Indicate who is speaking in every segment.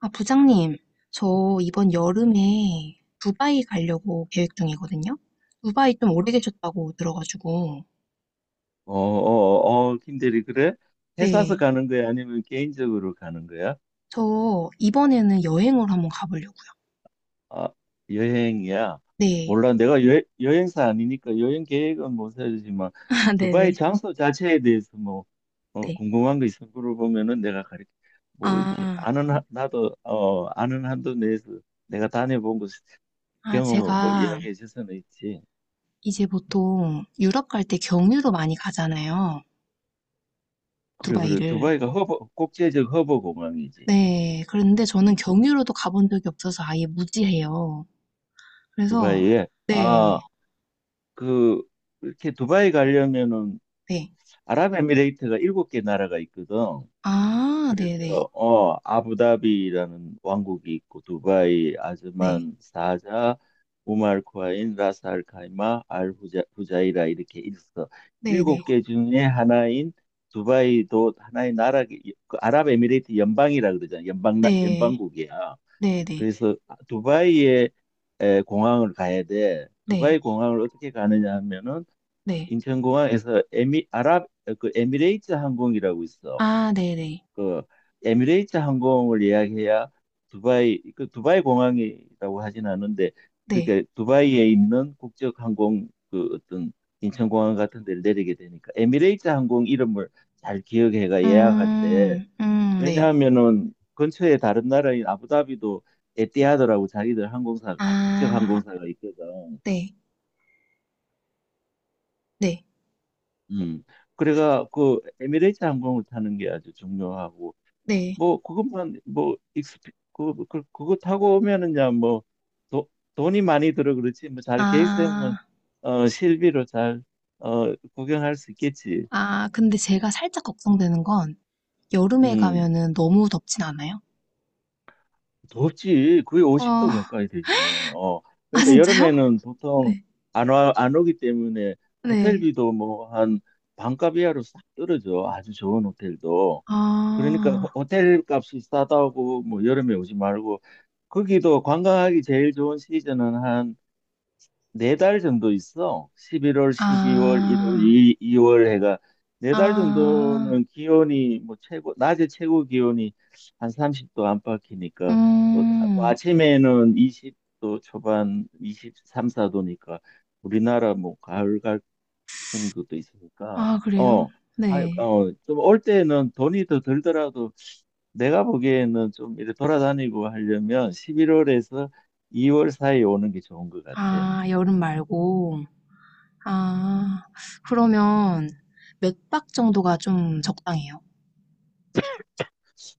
Speaker 1: 아, 부장님, 저 이번 여름에 두바이 가려고 계획 중이거든요. 두바이 좀 오래 계셨다고 들어가지고.
Speaker 2: 어, 김대리, 그래? 회사에서
Speaker 1: 네.
Speaker 2: 가는 거야? 아니면 개인적으로 가는 거야?
Speaker 1: 저 이번에는 여행을 한번 가보려고요.
Speaker 2: 아, 여행이야?
Speaker 1: 네.
Speaker 2: 몰라. 내가 여행사 아니니까 여행 계획은 못 세우지만,
Speaker 1: 아,
Speaker 2: 두바이
Speaker 1: 네네.
Speaker 2: 장소 자체에 대해서 뭐,
Speaker 1: 네.
Speaker 2: 궁금한 거 있으면 물어보면은 내가 가르쳐, 뭐, 이렇게
Speaker 1: 아,
Speaker 2: 아는, 나도, 아는 한도 내에서 내가 다녀본 곳 경험을 뭐
Speaker 1: 제가
Speaker 2: 이야기해 줄 수는 있지.
Speaker 1: 이제 보통 유럽 갈 때 경유로 많이 가잖아요.
Speaker 2: 그래, 그래.
Speaker 1: 두바이를.
Speaker 2: 두바이가 허브, 국제적 허브 공항이지.
Speaker 1: 네. 그런데 저는
Speaker 2: 음,
Speaker 1: 경유로도 가본 적이 없어서 아예 무지해요. 그래서,
Speaker 2: 두바이에.
Speaker 1: 네.
Speaker 2: 아, 그 이렇게 두바이 가려면은
Speaker 1: 네.
Speaker 2: 아랍에미레이트가 일곱 개 나라가 있거든.
Speaker 1: 아,
Speaker 2: 그래서
Speaker 1: 네네.
Speaker 2: 아부다비라는 왕국이 있고 두바이,
Speaker 1: 네.
Speaker 2: 아즈만, 사자, 우말 쿠아인, 라스 알 카이마, 알 후자, 후자이라 이렇게 있어.
Speaker 1: 네네.
Speaker 2: 일곱 개 중에 하나인 두바이도 하나의 나라, 그 아랍에미레이트 연방이라 그러잖아.
Speaker 1: 네.
Speaker 2: 연방국이야.
Speaker 1: 네네.
Speaker 2: 그래서 두바이에 공항을 가야 돼. 두바이
Speaker 1: 네.
Speaker 2: 공항을 어떻게 가느냐 하면은
Speaker 1: 네.
Speaker 2: 인천공항에서 그 에미레이트 항공이라고 있어.
Speaker 1: 아 네네.
Speaker 2: 그 에미레이트 항공을 예약해야 두바이 공항이라고 하진 않은데
Speaker 1: 네.
Speaker 2: 그게 두바이에 있는 국적 항공 그 어떤 인천공항 같은 데를 내리게 되니까 에미레이트 항공 이름을 잘 기억해가 예약할 때.
Speaker 1: 음. 네.
Speaker 2: 왜냐하면은 근처에 다른 나라인 아부다비도 에티하드라고 자기들 항공사 국적
Speaker 1: 아.
Speaker 2: 항공사가 있거든.
Speaker 1: 네. 네.
Speaker 2: 음. 그래가 그 에미레이트 항공을 타는 게 아주 중요하고
Speaker 1: 네.
Speaker 2: 뭐 그것만 뭐 익스피 그, 그 그거 타고 오면은야 뭐 도, 돈이 많이 들어 그렇지 뭐 잘 계획세우면
Speaker 1: 아.
Speaker 2: 실비로 잘 구경할 수 있겠지.
Speaker 1: 아 근데 제가 살짝
Speaker 2: 음.
Speaker 1: 걱정되는 건 여름에
Speaker 2: 음.
Speaker 1: 가면은 너무 덥진 않아요?
Speaker 2: 덥지. 거의
Speaker 1: 어.
Speaker 2: 50도 가까이 되지. 어.
Speaker 1: 아
Speaker 2: 그러니까
Speaker 1: 진짜요?
Speaker 2: 여름에는 보통
Speaker 1: 네.
Speaker 2: 안 오기 때문에
Speaker 1: 네.
Speaker 2: 호텔비도 뭐 한 반값 이하로 싹 떨어져. 아주 좋은 호텔도. 그러니까
Speaker 1: 아.
Speaker 2: 호텔 값이 싸다고 뭐 여름에 오지 말고 거기도 관광하기 제일 좋은 시즌은 한 네 달 정도 있어. 11월, 12월, 1월, 2, 월
Speaker 1: 아.
Speaker 2: 이, 이월 해가 네 달
Speaker 1: 아.
Speaker 2: 정도는 기온이 뭐 최고 낮에 최고 기온이 한 30도 안팎이니까 또, 또
Speaker 1: 음.
Speaker 2: 아침에는 20도 초반 23, 4도니까 우리나라 뭐 가을 같은 것도 있으니까
Speaker 1: 아 그래요?
Speaker 2: 어,
Speaker 1: 네.
Speaker 2: 좀 올 때는 돈이 더 들더라도 내가 보기에는 좀 이렇게 돌아다니고 하려면 11월에서 2월 사이에 오는 게 좋은 것 같아.
Speaker 1: 아 여름 말고 아, 그러면 몇 박 정도가 좀 적당해요?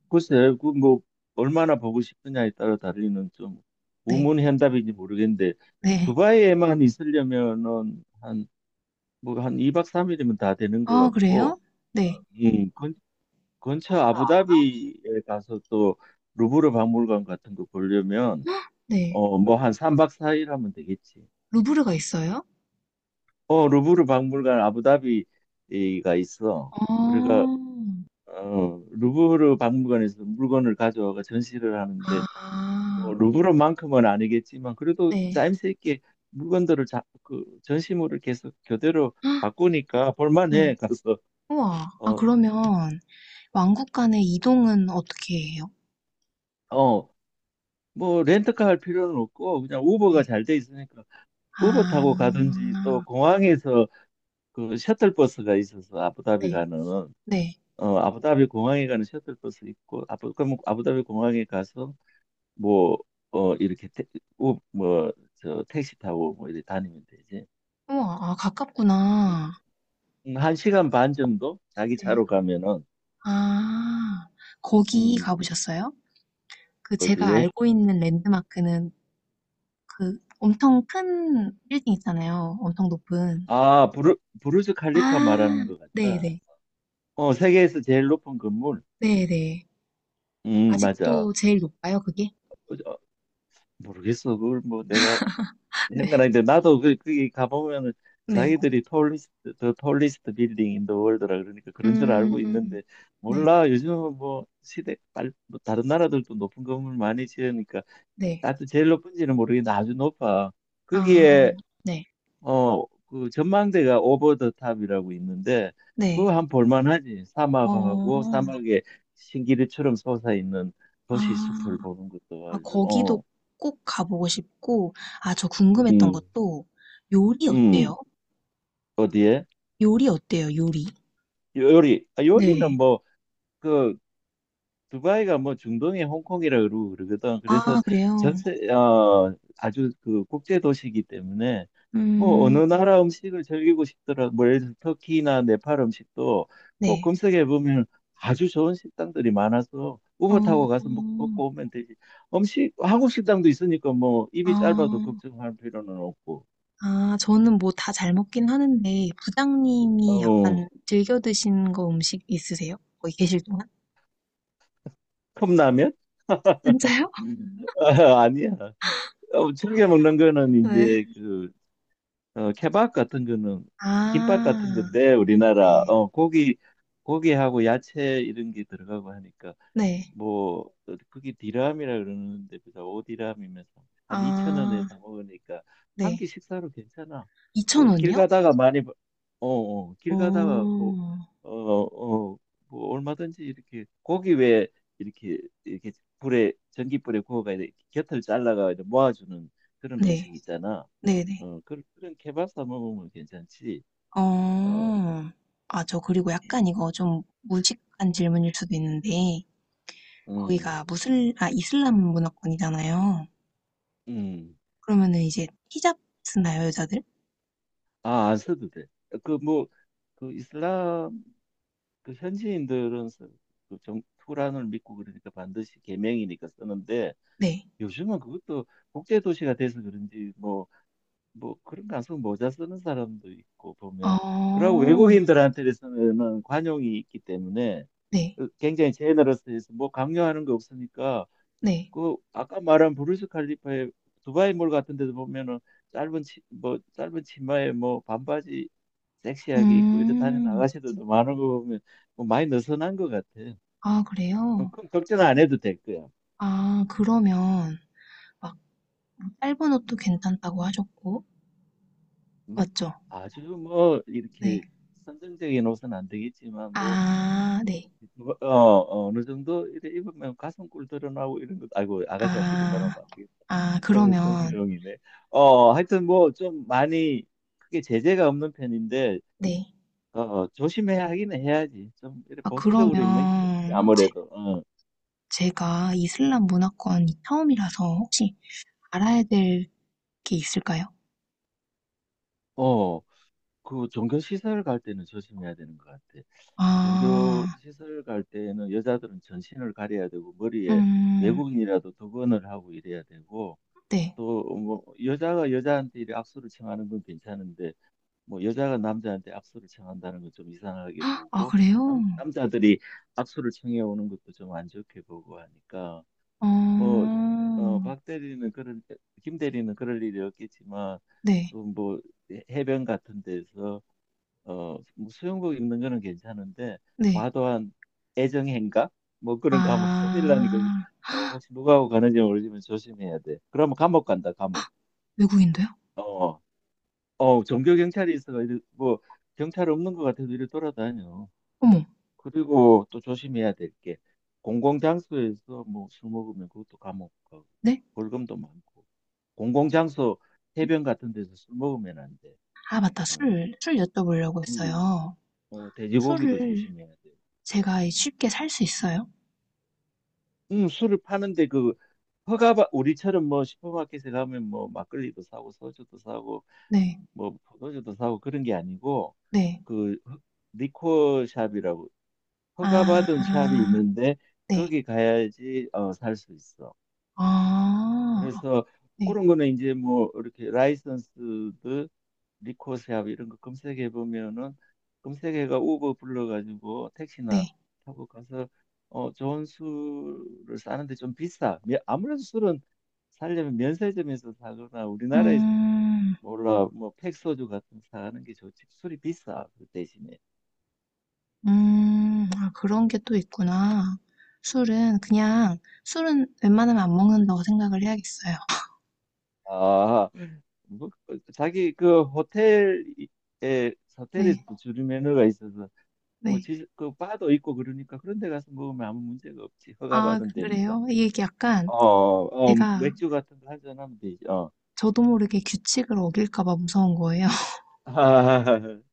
Speaker 2: 글쎄, 그뭐 얼마나 보고 싶느냐에 따라 다르는 좀
Speaker 1: 네,
Speaker 2: 우문현답인지 모르겠는데
Speaker 1: 네.
Speaker 2: 두바이에만 있으려면은 한 뭐 한 2박 3일이면 다 되는 것
Speaker 1: 아, 그래요?
Speaker 2: 같고,
Speaker 1: 네,
Speaker 2: 음, 근, 근처 아부다비에 가서 또 루브르 박물관 같은 거 보려면
Speaker 1: 헉, 네.
Speaker 2: 뭐 한 3박 4일 하면 되겠지.
Speaker 1: 루브르가 있어요?
Speaker 2: 루브르 박물관 아부다비가 있어. 그래가
Speaker 1: 아,
Speaker 2: 루브르 박물관에서 물건을 가져와가 전시를 하는데 뭐
Speaker 1: 아,
Speaker 2: 루브르만큼은 아니겠지만 그래도
Speaker 1: 네,
Speaker 2: 짜임새 있게 물건들을 자, 그 전시물을 계속 교대로
Speaker 1: 헉,
Speaker 2: 바꾸니까 볼만해
Speaker 1: 네.
Speaker 2: 가서.
Speaker 1: 우와. 아,
Speaker 2: 어,
Speaker 1: 그러면 왕국 간의 이동은 어떻게 해요?
Speaker 2: 어, 뭐 렌트카 할 필요는 없고 그냥
Speaker 1: 네.
Speaker 2: 우버가 잘 돼 있으니까 우버
Speaker 1: 아,
Speaker 2: 타고 가든지 또 공항에서 그 셔틀버스가 있어서 아부다비
Speaker 1: 네,
Speaker 2: 가는,
Speaker 1: 네.
Speaker 2: 아부다비 공항에 가는 셔틀버스 있고 아부 그럼 아부다비 공항에 가서 뭐 이렇게 태, 우, 뭐저 택시 타고 뭐 이렇게 다니면 되지.
Speaker 1: 우와, 아, 가깝구나.
Speaker 2: 한 시간 반 정도 자기
Speaker 1: 네.
Speaker 2: 차로 가면은.
Speaker 1: 아, 거기
Speaker 2: 음
Speaker 1: 가보셨어요? 그 제가
Speaker 2: 어디에?
Speaker 1: 알고 있는 랜드마크는 그 엄청 큰 빌딩 있잖아요. 엄청 높은.
Speaker 2: 아 부르즈 칼리파
Speaker 1: 아,
Speaker 2: 말하는 것 같다.
Speaker 1: 네네.
Speaker 2: 세계에서 제일 높은 건물.
Speaker 1: 네네.
Speaker 2: 음, 맞아.
Speaker 1: 아직도 제일 높아요, 그게?
Speaker 2: 어, 저, 모르겠어. 그걸 뭐 내가
Speaker 1: 네.
Speaker 2: 현관인데 나도 그 거기 가보면은
Speaker 1: 네.
Speaker 2: 자기들이 톨리스트 더 톨리스트 빌딩 인더 월드라 그러니까 그런 줄 알고
Speaker 1: 음,
Speaker 2: 있는데
Speaker 1: 네.
Speaker 2: 몰라. 요즘은 뭐 시대 빨 뭐 다른 나라들도 높은 건물 많이 지으니까
Speaker 1: 네.
Speaker 2: 나도 제일 높은지는 모르겠는데 아주 높아
Speaker 1: 아,
Speaker 2: 거기에.
Speaker 1: 네.
Speaker 2: 그 전망대가 오버 더 탑이라고 있는데
Speaker 1: 네.
Speaker 2: 그거 한 볼만하지. 사막하고,
Speaker 1: 어,
Speaker 2: 사막에 신기루처럼 솟아 있는 도시
Speaker 1: 아,
Speaker 2: 숲을 보는 것도 아주.
Speaker 1: 거기도 꼭 가보고 싶고, 아, 저 궁금했던
Speaker 2: 음.
Speaker 1: 것도 요리
Speaker 2: 음.
Speaker 1: 어때요?
Speaker 2: 어디에?
Speaker 1: 요리 어때요, 요리?
Speaker 2: 요리. 아, 요리는
Speaker 1: 네.
Speaker 2: 뭐, 그, 두바이가 뭐 중동의 홍콩이라 그러고 그러거든. 그래서
Speaker 1: 아, 그래요?
Speaker 2: 아주 그 국제 도시이기 때문에 뭐 어느
Speaker 1: 음,
Speaker 2: 나라 음식을 즐기고 싶더라도 뭐 예를 들어 터키나 네팔 음식도 꼭
Speaker 1: 네.
Speaker 2: 검색해 보면 아주 좋은 식당들이 많아서 우버
Speaker 1: 어,
Speaker 2: 타고 가서 먹고 오면 되지. 한국 식당도 있으니까 뭐 입이 짧아도
Speaker 1: 아,
Speaker 2: 걱정할 필요는 없고.
Speaker 1: 저는 뭐 다 잘 먹긴 하는데, 부장님이
Speaker 2: 어,
Speaker 1: 약간 즐겨 드시는 거 음식 있으세요? 거기 계실 동안?
Speaker 2: 컵라면?
Speaker 1: 진짜요?
Speaker 2: 아, 아니야. 즐겨 먹는 거는
Speaker 1: 네.
Speaker 2: 이제 그 케밥 같은 거는 김밥 같은
Speaker 1: 아,
Speaker 2: 건데 우리나라
Speaker 1: 네.
Speaker 2: 고기하고 야채 이런 게 들어가고 하니까
Speaker 1: 네.
Speaker 2: 뭐 그게 디람이라 그러는데 보자 오 디람이면 한 2천 원에
Speaker 1: 아,
Speaker 2: 사 먹으니까 한끼
Speaker 1: 네.
Speaker 2: 식사로 괜찮아. 그 길
Speaker 1: 2,000원이요?
Speaker 2: 가다가 많이 길 가다가 뭐
Speaker 1: 오,
Speaker 2: 어, 어, 뭐 얼마든지 이렇게 고기 왜 이렇게 이렇게 불에 전기불에 구워가 이렇게 곁을 잘라가 이렇게 모아주는 그런
Speaker 1: 네.
Speaker 2: 음식 있잖아.
Speaker 1: 네네.
Speaker 2: 그런 케밥 사 먹으면 괜찮지.
Speaker 1: 어,
Speaker 2: 어,
Speaker 1: 아, 저 그리고 약간
Speaker 2: 음,
Speaker 1: 이거 좀 무식한 질문일 수도 있는데,
Speaker 2: 음.
Speaker 1: 거기가 무슬, 아, 이슬람 문화권이잖아요.
Speaker 2: 음.
Speaker 1: 그러면은 이제 히잡 쓰나요, 여자들?
Speaker 2: 아, 안 써도 돼. 그 뭐 그 이슬람 그 현지인들은 투란을 믿고 그러니까 반드시 계명이니까 쓰는데
Speaker 1: 네.
Speaker 2: 요즘은 그것도 국제 도시가 돼서 그런지 뭐 그런 가수 모자 쓰는 사람도 있고 보면 그러고
Speaker 1: 어,
Speaker 2: 외국인들한테서는 관용이 있기 때문에
Speaker 1: 네.
Speaker 2: 그 굉장히 제너러스해서 뭐 강요하는 거 없으니까
Speaker 1: 네.
Speaker 2: 그 아까 말한 부르스 칼리파의 두바이몰 같은 데도 보면은 뭐 짧은 치마에 뭐 반바지 섹시하게 입고 이렇게 다니는
Speaker 1: 음.
Speaker 2: 아가씨들도 많은 거 보면 뭐 많이 느슨한 것 같아.
Speaker 1: 아
Speaker 2: 그럼
Speaker 1: 그래요?
Speaker 2: 그럼 걱정 안 해도 될 거야.
Speaker 1: 아 그러면 막 뭐 짧은 옷도 괜찮다고 하셨고
Speaker 2: 막
Speaker 1: 맞죠?
Speaker 2: 아주 뭐
Speaker 1: 네.
Speaker 2: 이렇게 선정적인 옷은 안 되겠지만 뭐
Speaker 1: 아 네.
Speaker 2: 누가- 어, 어느 정도 이렇 입으면 가슴골 드러나고 이런 것. 아이고 아가씨한테 이런 말하면
Speaker 1: 아.
Speaker 2: 안 되겠다.
Speaker 1: 아 그러면
Speaker 2: 성희롱이네. 하여튼 뭐 좀 많이 크게 제재가 없는 편인데
Speaker 1: 네.
Speaker 2: 조심해야 하긴 해야지. 좀 이렇게
Speaker 1: 아 그러면
Speaker 2: 보수적으로 입는 게 좋지,
Speaker 1: 제
Speaker 2: 아무래도.
Speaker 1: 제가 이슬람 문화권이 처음이라서 혹시 알아야 될 게 있을까요?
Speaker 2: 어, 그 종교 시설 갈 때는 조심해야 되는 것 같아. 종교
Speaker 1: 아.
Speaker 2: 시설 갈 때는 여자들은 전신을 가려야 되고 머리에
Speaker 1: 음.
Speaker 2: 외국인이라도 두건을 하고 이래야 되고
Speaker 1: 네.
Speaker 2: 또 뭐 여자가 여자한테 이렇게 악수를 청하는 건 괜찮은데 뭐 여자가 남자한테 악수를 청한다는 건 좀 이상하게
Speaker 1: 헉, 아
Speaker 2: 보고
Speaker 1: 그래요?
Speaker 2: 남자들이 악수를 청해 오는 것도 좀 안 좋게 보고 하니까 뭐,
Speaker 1: 어.
Speaker 2: 어, 박 대리는 그럴, 김 대리는 그럴 일이 없겠지만,
Speaker 1: 네.
Speaker 2: 또 뭐 해변 같은 데서, 뭐 수영복 입는 거는 괜찮은데,
Speaker 1: 네.
Speaker 2: 과도한 애정 행각? 뭐 그런 거 하면 큰일 나니까,
Speaker 1: 아.
Speaker 2: 혹시 누구하고 가는지 모르지만 조심해야 돼. 그러면 감옥 간다, 감옥.
Speaker 1: 외국인데요?
Speaker 2: 어, 종교 경찰이 있어가 이래, 뭐, 경찰 없는 것 같아도 이래 돌아다녀.
Speaker 1: 어머.
Speaker 2: 그리고 또 조심해야 될 게, 공공장소에서 뭐 술 먹으면 그것도 감옥 가고,
Speaker 1: 네?
Speaker 2: 벌금도 많고. 공공장소 해변 같은 데서 술 먹으면 안 돼.
Speaker 1: 아 맞다.
Speaker 2: 음,
Speaker 1: 술, 술 여쭤보려고
Speaker 2: 음,
Speaker 1: 했어요.
Speaker 2: 돼지고기도
Speaker 1: 술을
Speaker 2: 조심해야 돼.
Speaker 1: 제가 쉽게 살 수 있어요?
Speaker 2: 술을 파는데 그 허가 받 우리처럼 뭐 슈퍼마켓에 가면 뭐 막걸리도 사고 소주도 사고
Speaker 1: 네.
Speaker 2: 뭐 포도주도 사고 그런 게 아니고
Speaker 1: 네.
Speaker 2: 그 리코어 샵이라고 허가받은 샵이
Speaker 1: 아.
Speaker 2: 있는데
Speaker 1: 네.
Speaker 2: 거기 가야지 살 수 있어.
Speaker 1: 아.
Speaker 2: 그래서
Speaker 1: 네.
Speaker 2: 그런 거는 이제 뭐 이렇게 라이선스드 리코세압 이런 거 검색해 보면은 검색해가 우버 불러가지고 택시나
Speaker 1: 네.
Speaker 2: 타고 가서 좋은 술을 사는데 좀 비싸. 아무래도 술은 사려면 면세점에서 사거나 우리나라에서
Speaker 1: 음.
Speaker 2: 몰라 뭐 팩소주 같은 거 사는 게 좋지. 술이 비싸 그 대신에.
Speaker 1: 음. 아 그런 게 또 있구나. 술은
Speaker 2: 음.
Speaker 1: 그냥 술은 웬만하면 안 먹는다고 생각을 해야겠어요.
Speaker 2: 아, 뭐, 자기 그
Speaker 1: 네.
Speaker 2: 호텔에서도 주류 매너가 있어서 뭐,
Speaker 1: 네.
Speaker 2: 바도 있고 그러니까 그런 데 가서 먹으면 아무 문제가 없지.
Speaker 1: 아
Speaker 2: 허가받은 데니까.
Speaker 1: 그래요? 이게 약간 제가
Speaker 2: 맥주 같은 거 한잔하면 되지. 어.
Speaker 1: 저도 모르게 규칙을 어길까 봐 무서운 거예요.
Speaker 2: 아,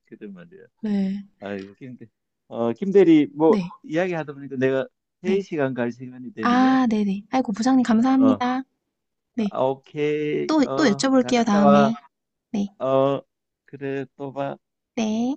Speaker 2: 그래 말이야.
Speaker 1: 네.
Speaker 2: 아이고, 김 대리, 뭐,
Speaker 1: 네.
Speaker 2: 이야기 하다 보니까 내가 회의
Speaker 1: 네.
Speaker 2: 시간 갈 시간이 됐네.
Speaker 1: 아, 네네. 아이고, 부장님
Speaker 2: 어,
Speaker 1: 감사합니다. 네.
Speaker 2: 오케이.
Speaker 1: 또, 또
Speaker 2: 잘
Speaker 1: 여쭤볼게요,
Speaker 2: 갔다
Speaker 1: 다음에.
Speaker 2: 와.
Speaker 1: 네.
Speaker 2: 어, 그래, 또 봐.
Speaker 1: 네.